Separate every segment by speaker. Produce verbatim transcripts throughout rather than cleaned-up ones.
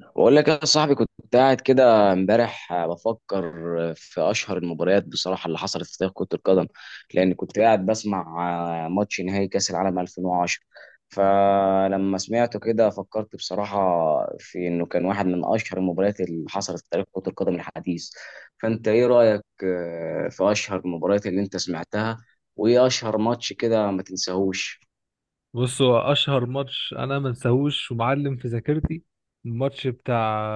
Speaker 1: بقول لك يا صاحبي، كنت قاعد كده امبارح آه، بفكر في اشهر المباريات بصراحه اللي حصلت في تاريخ كره القدم. لان كنت قاعد بسمع آه، ماتش نهائي كاس العالم ألفين وعشرة. فلما سمعته كده، فكرت بصراحه في انه كان واحد من اشهر المباريات اللي حصلت في تاريخ كره القدم الحديث. فانت ايه رايك آه، في اشهر المباريات اللي انت سمعتها، وايه اشهر ماتش كده ما تنساهوش؟
Speaker 2: بصوا، اشهر ماتش انا ما انساهوش ومعلم في ذاكرتي، الماتش بتاع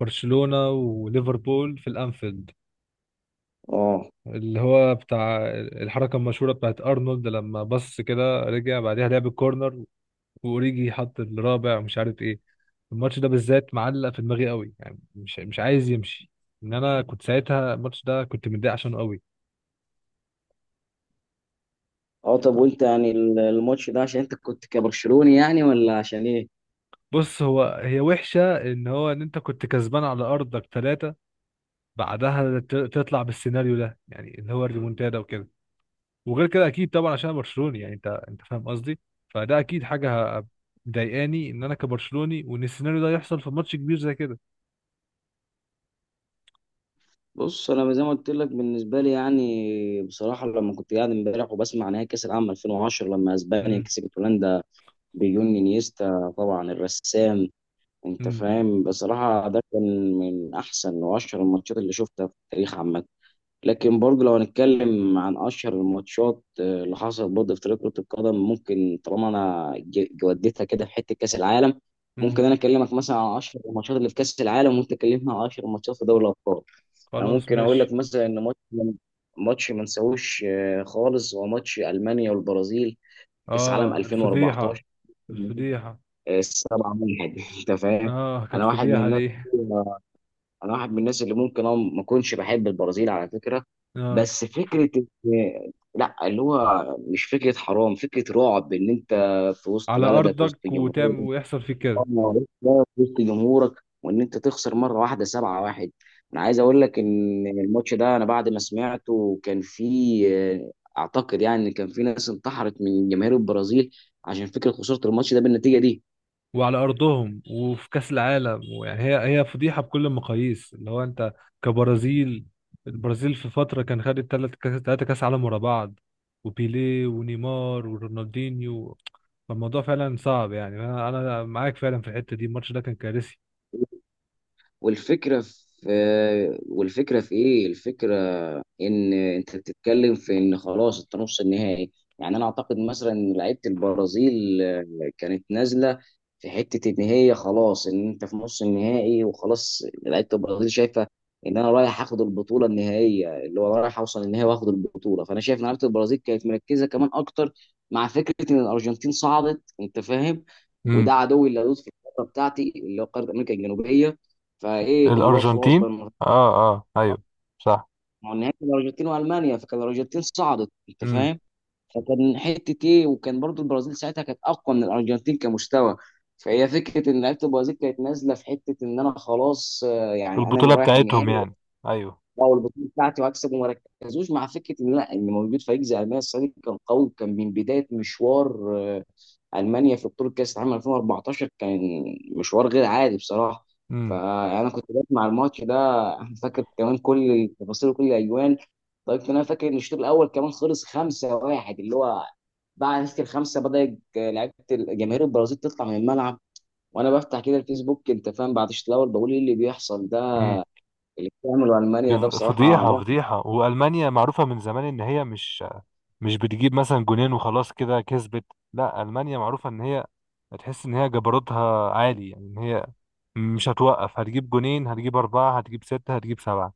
Speaker 2: برشلونة وليفربول في الانفيلد،
Speaker 1: اه،
Speaker 2: اللي هو بتاع الحركة المشهورة بتاعت ارنولد لما بص كده رجع بعدها لعب الكورنر، واوريجي حط الرابع ومش عارف ايه. الماتش ده بالذات معلق في دماغي قوي، يعني مش مش عايز يمشي. ان انا كنت ساعتها الماتش ده كنت متضايق عشانه قوي.
Speaker 1: اه، طب وانت يعني الماتش ده عشان انت كنت كبرشلوني يعني، ولا عشان ايه؟
Speaker 2: بص، هو هي وحشة ان هو ان انت كنت كسبان على ارضك ثلاثة، بعدها ت- تطلع بالسيناريو ده، يعني اللي هو الريمونتادا وكده. وغير كده اكيد طبعا، عشان أنا برشلوني، يعني انت انت فاهم قصدي. فده اكيد حاجه ه- مضايقاني، ان انا كبرشلوني وان السيناريو ده يحصل في ماتش كبير زي كده.
Speaker 1: بص، انا زي ما قلت لك بالنسبه لي يعني، بصراحه لما كنت قاعد امبارح وبسمع نهائي كاس العالم ألفين وعشرة لما اسبانيا
Speaker 2: امم،
Speaker 1: كسبت هولندا بجون انيستا طبعا الرسام، انت
Speaker 2: امم،
Speaker 1: فاهم، بصراحه ده كان من احسن واشهر الماتشات اللي شفتها في التاريخ عامه. لكن برضه لو هنتكلم عن اشهر الماتشات آه، اللي حصلت برضه في تاريخ كره القدم، ممكن طالما انا ج- جودتها كده في حته كاس العالم،
Speaker 2: امم.
Speaker 1: ممكن انا اكلمك مثلا عن اشهر الماتشات اللي في كاس العالم، وانت تكلمنا عن اشهر الماتشات في دوري الابطال. انا
Speaker 2: خلاص
Speaker 1: ممكن اقول
Speaker 2: ماشي.
Speaker 1: لك مثلا ان ماتش ماتش ما نساهوش آه، خالص، هو ماتش المانيا والبرازيل كاس عالم
Speaker 2: اه، الفضيحه.
Speaker 1: ألفين وأربعتاشر،
Speaker 2: الفضيحه.
Speaker 1: آه، 7 واحد انت فاهم.
Speaker 2: اه كانت
Speaker 1: انا واحد من
Speaker 2: فضيحه
Speaker 1: الناس
Speaker 2: دي.
Speaker 1: انا واحد من الناس اللي ممكن أنا ما اكونش بحب البرازيل على فكره.
Speaker 2: اه،
Speaker 1: بس فكره إن- لا، اللي هو مش فكره حرام، فكره رعب ان انت في وسط
Speaker 2: على
Speaker 1: بلدك، وسط
Speaker 2: ارضك وتعمل
Speaker 1: جمهورك.
Speaker 2: ويحصل فيك
Speaker 1: اه،
Speaker 2: كده.
Speaker 1: معلش بقى في وسط جمهورك، وان انت تخسر مره واحده سبعه واحد. انا عايز اقول لك ان الماتش ده، انا بعد ما سمعته، كان في آه، اعتقد يعني ان كان في ناس انتحرت من جماهير البرازيل عشان فكره خساره الماتش ده بالنتيجه دي.
Speaker 2: وعلى ارضهم وفي كاس العالم، ويعني هي هي فضيحه بكل المقاييس، اللي هو انت كبرازيل. البرازيل في فتره كان خدت ثلاث كاس ثلاثه كاس عالم ورا بعض، وبيليه ونيمار ورونالدينيو. فالموضوع فعلا صعب، يعني انا أنا معاك فعلا في الحته دي، الماتش ده كان كارثي.
Speaker 1: والفكره في آه، والفكره في ايه الفكره، ان انت بتتكلم في ان خلاص انت نص النهائي. يعني انا اعتقد مثلا ان لعيبه البرازيل آه، كانت نازله في حته ان هي خلاص، ان انت في نص النهائي وخلاص، لعيبه البرازيل شايفه ان انا رايح اخد البطوله النهائيه، اللي هو رايح اوصل النهائي واخد البطوله، فانا شايف ان لعيبه البرازيل كانت مركزه كمان اكتر مع فكره ان الارجنتين صعدت، انت فاهم،
Speaker 2: امم.
Speaker 1: وده عدوي اللدود في القاره بتاعتي اللي هو قاره امريكا الجنوبيه. فايه اللي هو خلاص
Speaker 2: الارجنتين.
Speaker 1: بقى،
Speaker 2: اه. اه ايوه. صح.
Speaker 1: ما هو النهائي كان الارجنتين والمانيا، فكان الارجنتين صعدت، انت
Speaker 2: امم.
Speaker 1: فاهم. فكان حته ايه، وكان برضو البرازيل ساعتها كانت اقوى من الارجنتين كمستوى. فهي فكره ان لعيبه البرازيل كانت نازله في حته ان انا خلاص، آه، يعني
Speaker 2: البطوله
Speaker 1: انا رايح
Speaker 2: بتاعتهم
Speaker 1: النهائي.
Speaker 2: يعني. ايوه
Speaker 1: لا، والبطوله بتاعتي واكسب، وما ركزوش مع فكره ان لا، ان موجود فريق زي المانيا السنه دي كان قوي، كان من بدايه مشوار، آه، المانيا في بطوله كاس العالم ألفين وأربعتاشر كان مشوار غير عادي بصراحه.
Speaker 2: امم
Speaker 1: فانا كنت بسمع الماتش ده، أنا فاكر كمان كل التفاصيل وكل الاجوان. طيب انا فاكر ان الشوط الاول كمان خلص خمسه واحد، اللي هو بعد نتيجه الخمسه بدات لعيبه جماهير البرازيل تطلع من الملعب. وانا بفتح كده الفيسبوك، انت فاهم، بعد الشوط الاول بقول ايه اللي بيحصل ده، اللي بتعمله المانيا ده
Speaker 2: يف-
Speaker 1: بصراحه.
Speaker 2: فضيحة فضيحة وألمانيا معروفة من زمان إن هي مش مش بتجيب مثلا جونين وخلاص كده كسبت لا ألمانيا معروفة إن هي هتحس إن هي جبروتها عالي يعني إن هي مش هتوقف هتجيب جونين هتجيب أربعة هتجيب ستة هتجيب سبعة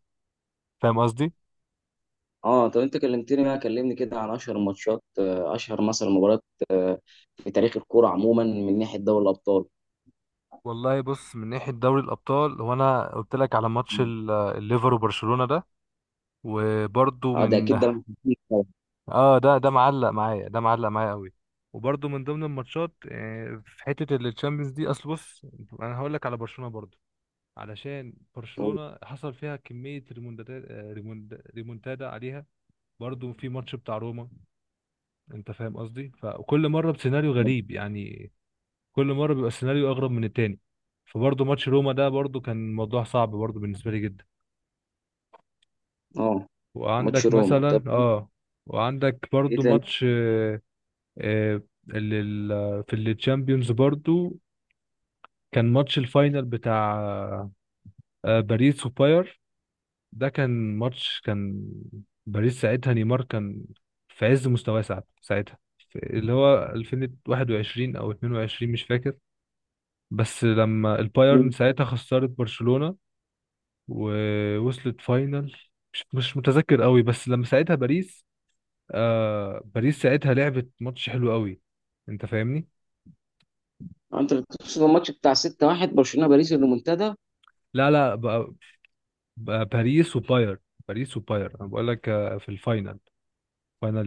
Speaker 2: فاهم قصدي؟
Speaker 1: اه، طب انت كلمتني بقى كلمني كده عن اشهر الماتشات، آه، اشهر مثلا مباريات آه، في تاريخ الكوره عموما من ناحيه دوري الابطال.
Speaker 2: والله بص من ناحية دوري الأبطال هو أنا قلت لك على ماتش ال- الليفر وبرشلونة ده وبرضه
Speaker 1: اه، ده
Speaker 2: من
Speaker 1: اكيد ده.
Speaker 2: اه ده ده معلق معايا ده معلق معايا قوي وبرده من ضمن الماتشات آه، في حته الشامبيونز دي اصل بص انا هقول لك على برشلونه برضو علشان برشلونه حصل فيها كميه ريمونتادا ريمونتادا عليها برضو في ماتش بتاع روما انت فاهم قصدي فكل مره بسيناريو غريب يعني كل مره بيبقى السيناريو اغرب من التاني فبرضو ماتش روما ده برضو كان موضوع صعب برضو بالنسبه لي جدا
Speaker 1: اه، ماتش
Speaker 2: وعندك
Speaker 1: روما، طب،
Speaker 2: مثلا اه وعندك
Speaker 1: ايه
Speaker 2: برضو
Speaker 1: تاني؟
Speaker 2: ماتش آه، ال- ال- في التشامبيونز برضو كان ماتش الفاينل بتاع آه، باريس وباير ده كان ماتش كان باريس ساعتها نيمار كان في عز مستواه ساعتها ساعتها في- اللي هو ألفين وواحد وعشرين او اتنين وعشرين مش فاكر بس لما
Speaker 1: آه،
Speaker 2: البايرن ساعتها خسرت برشلونة ووصلت فاينل مش مش متذكر قوي بس لما ساعتها باريس آه باريس ساعتها لعبت ماتش حلو قوي انت فاهمني
Speaker 1: انت بتقصد الماتش بتاع سته واحد برشلونه باريس المنتدى؟
Speaker 2: لا لا بقى باريس وباير باريس وباير انا بقول لك آه، في الفاينل فاينل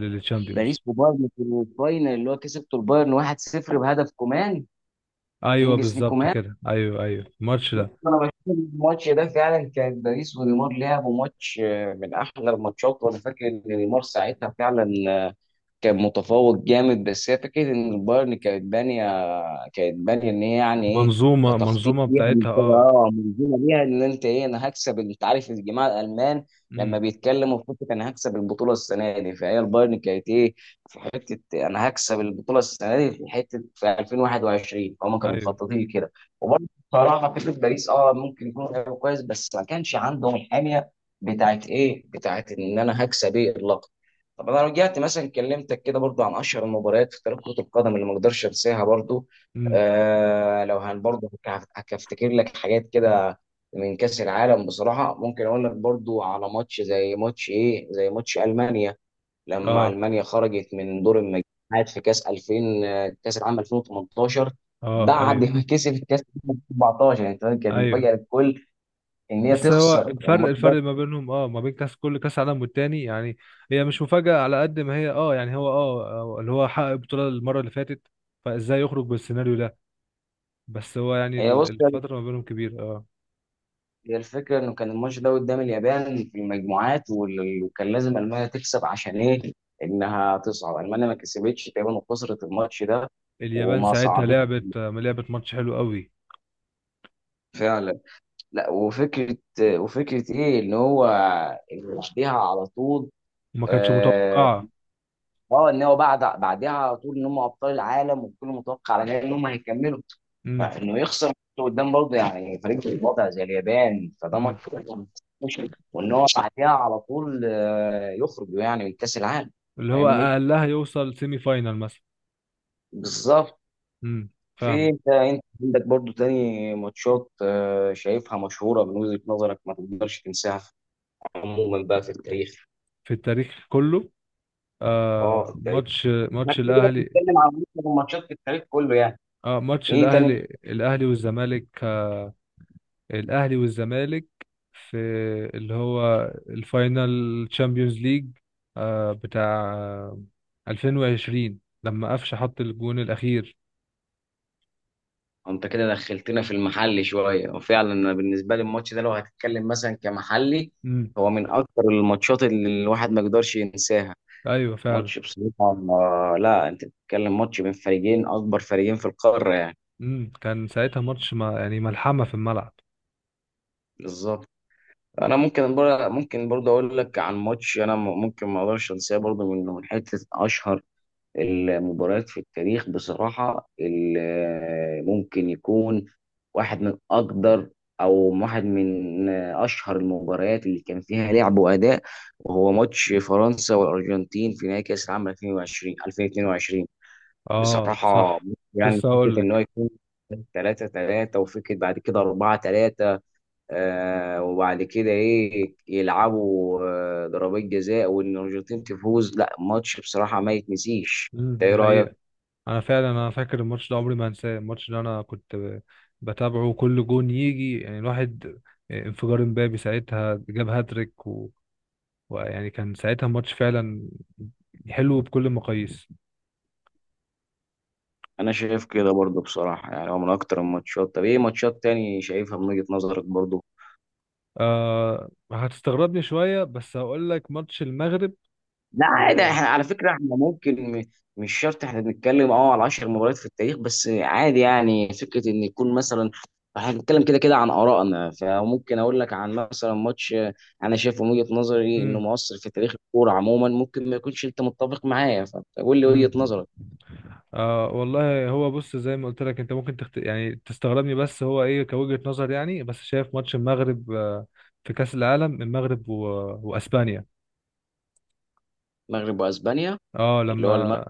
Speaker 1: باريس
Speaker 2: للتشامبيونز
Speaker 1: وبايرن في الفاينل، اللي هو كسبته البايرن واحد صفر بهدف كومان،
Speaker 2: ايوه
Speaker 1: كينجز لي
Speaker 2: بالظبط
Speaker 1: كومان.
Speaker 2: كده ايوه ايوه الماتش ده
Speaker 1: انا بشوف الماتش ده فعلا كان باريس ونيمار لعبوا ماتش آه، من احلى الماتشات، وانا فاكر ان نيمار ساعتها فعلا كان متفوق جامد. بس هي فكره ان البايرن كانت بانيه كانت بانيه ان هي يعني ايه،
Speaker 2: منظومه
Speaker 1: كتخطيط
Speaker 2: منظومه
Speaker 1: ليها من
Speaker 2: بتاعتها
Speaker 1: كده.
Speaker 2: اه
Speaker 1: اه منظومه ليها، ان انت ايه، انا هكسب. انت عارف الجماعه الالمان لما
Speaker 2: امم
Speaker 1: بيتكلموا في فكره انا هكسب البطوله السنه دي، فهي البايرن كانت ايه، في حته انا هكسب البطوله السنه دي في حته في ألفين وواحد وعشرين، فهم كانوا
Speaker 2: ايوه.
Speaker 1: مخططين كده. وبرضه بصراحه فكره باريس، اه ممكن يكون لعيب كويس، بس ما كانش عندهم الحاميه بتاعت ايه، بتاعت ان انا هكسب ايه. طب انا رجعت مثلا كلمتك كده برضو عن اشهر المباريات في تاريخ كرة القدم اللي ما اقدرش انساها برضو.
Speaker 2: امم.
Speaker 1: آه لو هن برضو هك- هك- هفتكر لك حاجات كده من كأس العالم بصراحة، ممكن اقول لك برضو على ماتش زي ماتش ايه، زي ماتش المانيا لما
Speaker 2: اه.
Speaker 1: المانيا خرجت من دور المجموعات في كأس ألفين، آه، كأس العالم ألفين وتمنتاشر
Speaker 2: اه ايوه.
Speaker 1: بعد ما كسبت كأس العالم ألفين وأربعتاشر، يعني كانت
Speaker 2: ايوه.
Speaker 1: مفاجأة للكل ان هي
Speaker 2: بس هو
Speaker 1: تخسر
Speaker 2: الفرق
Speaker 1: الماتش ده.
Speaker 2: الفرق ما بينهم، اه، ما بين كاس كل كاس عالم والتاني، يعني هي مش مفاجاه على قد ما هي، اه يعني هو، اه، آه، اللي هو حقق البطوله المره اللي فاتت، فازاي يخرج بالسيناريو ده؟ بس هو يعني
Speaker 1: هي
Speaker 2: ال-
Speaker 1: بص
Speaker 2: الفتره ما بينهم كبيره، اه.
Speaker 1: هي الفكرة إنه كان الماتش ده قدام اليابان في المجموعات، وال- وكان لازم ألمانيا تكسب عشان إيه؟ إنها تصعد. ألمانيا ما كسبتش تقريبا، وخسرت الماتش ده
Speaker 2: اليابان
Speaker 1: وما
Speaker 2: ساعتها
Speaker 1: صعدتش
Speaker 2: لعبت آه، لعبت ماتش حلو قوي.
Speaker 1: فعلا. لا، وفكرة وفكرة إيه، إن هو إن بعديها على طول،
Speaker 2: وما كانتش
Speaker 1: آه،
Speaker 2: متوقعة.
Speaker 1: اه، ان هو بعد بعدها على طول ان هم ابطال العالم، والكل متوقع على كده ان هم هيكملوا.
Speaker 2: امم.
Speaker 1: فانه يخسر قدام برضه يعني فريق في الوضع زي اليابان، فده
Speaker 2: امم.
Speaker 1: ماتش مش، وان هو بعدها على طول آه، يخرج يعني من كاس العالم.
Speaker 2: اللي هو
Speaker 1: فاهمني؟
Speaker 2: اقلها يوصل سيمي فاينال مثلا.
Speaker 1: بالظبط.
Speaker 2: امم.
Speaker 1: في
Speaker 2: فاهم.
Speaker 1: انت انت عندك برضه تاني ماتشات آه، شايفها مشهوره من وجهه نظرك ما تقدرش تنساها في- عموما بقى في التاريخ؟
Speaker 2: في التاريخ كله.
Speaker 1: اه،
Speaker 2: آه
Speaker 1: في التاريخ،
Speaker 2: ماتش
Speaker 1: ما
Speaker 2: ماتش
Speaker 1: كده كده
Speaker 2: الاهلي.
Speaker 1: بنتكلم عن معظم الماتشات في التاريخ كله يعني.
Speaker 2: اه، ماتش
Speaker 1: ايه تاني؟
Speaker 2: الاهلي. الاهلي والزمالك، آه، الاهلي والزمالك، في اللي هو الفاينال، تشامبيونز ليج، آه بتاع ألفين وعشرين، لما قفشه حط الجون الاخير.
Speaker 1: انت كده دخلتنا في المحلي شويه، وفعلا انا بالنسبه لي الماتش ده لو هتتكلم مثلا كمحلي،
Speaker 2: امم.
Speaker 1: هو من اكتر الماتشات اللي الواحد ما يقدرش ينساها.
Speaker 2: ايوه فعلا.
Speaker 1: ماتش بصراحه، آه، لا، انت بتتكلم ماتش بين فريقين، اكبر فريقين في القاره يعني.
Speaker 2: امم، كان ساعتها ماتش، ما يعني، ملحمة في الملعب.
Speaker 1: بالظبط. انا ممكن بر- ممكن برضه اقول لك عن ماتش، انا م- ممكن ما اقدرش انساه برضه من من حته اشهر المباريات في التاريخ بصراحة، ال- ممكن يكون واحد من أقدر، أو واحد من أشهر المباريات اللي كان فيها لعب وأداء، وهو ماتش فرنسا والأرجنتين في نهائي كأس العالم ألفين وعشرين ألفين واتنين وعشرين
Speaker 2: اه
Speaker 1: بصراحة.
Speaker 2: صح.
Speaker 1: يعني
Speaker 2: لسه
Speaker 1: فكرة
Speaker 2: هقول
Speaker 1: إن هو
Speaker 2: لك.
Speaker 1: يكون تلاته تلاته، وفكرة بعد كده اربعه تلاته، آه وبعد كده إيه، يلعبوا آه ضربات جزاء، وإن الأرجنتين تفوز. لا، ماتش بصراحة ما يتنسيش،
Speaker 2: امم،
Speaker 1: ده
Speaker 2: دي
Speaker 1: إيه
Speaker 2: حقيقة.
Speaker 1: رأيك؟
Speaker 2: انا فعلا انا فاكر الماتش ده، عمري ما هنساه الماتش ده، انا كنت ب- بتابعه كل جون يجي، يعني الواحد، آه، انفجار امبابي ساعتها، جاب هاتريك و... ويعني كان ساعتها الماتش فعلا حلو بكل المقاييس.
Speaker 1: انا شايف كده برضو بصراحه، يعني هو من اكتر الماتشات. طب ايه ماتشات تاني شايفها من وجهه نظرك برضو؟
Speaker 2: آه هتستغربني شوية بس هقول لك ماتش المغرب
Speaker 1: لا
Speaker 2: و...
Speaker 1: عادي، احنا على فكره احنا ممكن م- مش شرط، احنا بنتكلم اه على عشر مباريات في التاريخ بس، عادي يعني، فكره ان يكون مثلا احنا بنتكلم كده كده عن ارائنا، فممكن اقول لك عن مثلا ماتش انا شايفه من وجهه نظري انه
Speaker 2: مم.
Speaker 1: مؤثر في تاريخ الكوره عموما، ممكن ما يكونش انت متفق معايا، فقول لي
Speaker 2: امم.
Speaker 1: وجهه نظرك.
Speaker 2: آه والله هو بص، زي ما قلت لك، انت ممكن تخت... يعني تستغربني، بس هو ايه كوجهة نظر، يعني بس شايف ماتش المغرب، آه، في كأس العالم، المغرب و... واسبانيا.
Speaker 1: المغرب واسبانيا،
Speaker 2: اه
Speaker 1: اللي هو المغرب،
Speaker 2: لما،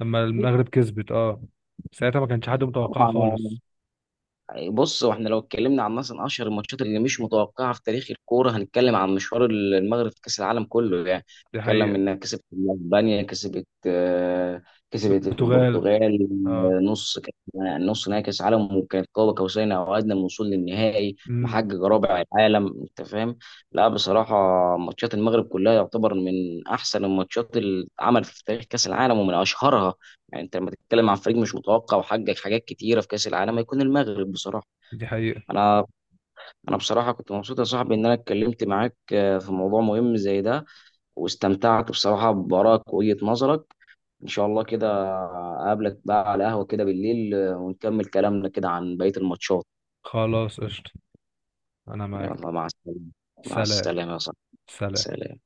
Speaker 2: لما المغرب كسبت، اه، ساعتها ما كانش حد متوقعها
Speaker 1: طبعا.
Speaker 2: خالص.
Speaker 1: بص، واحنا لو اتكلمنا عن مثلا اشهر الماتشات اللي مش متوقعه في تاريخ الكوره، هنتكلم عن مشوار المغرب في كاس العالم كله يعني.
Speaker 2: دي
Speaker 1: نتكلم
Speaker 2: حقيقة.
Speaker 1: انها كسبت اسبانيا، كسبت آه، كسبت
Speaker 2: البرتغال.
Speaker 1: البرتغال،
Speaker 2: اه.
Speaker 1: آه، نص كأس- نص نهائي كاس عالم، وكانت قاب قوسين او ادنى من الوصول للنهائي،
Speaker 2: امم،
Speaker 1: محقق رابع العالم، انت فاهم. لا بصراحه، ماتشات المغرب كلها يعتبر من احسن الماتشات اللي اتعملت في تاريخ كاس العالم ومن اشهرها. يعني انت لما تتكلم عن فريق مش متوقع وحقق حاجات كتيره في كاس العالم، هيكون المغرب بصراحه.
Speaker 2: دي حقيقة.
Speaker 1: انا انا بصراحه كنت مبسوط يا صاحبي ان انا اتكلمت معاك آه، في موضوع مهم زي ده، واستمتعت بصراحه بارائك ووجهه نظرك. ان شاء الله كده اقابلك بقى على قهوه كده بالليل، آه، ونكمل كلامنا كده عن بقيه الماتشات.
Speaker 2: خلاص قشطة. انا معاك.
Speaker 1: يلا مع السلامه. مع
Speaker 2: سلام.
Speaker 1: السلامه يا صاحبي.
Speaker 2: سلام.
Speaker 1: سلام.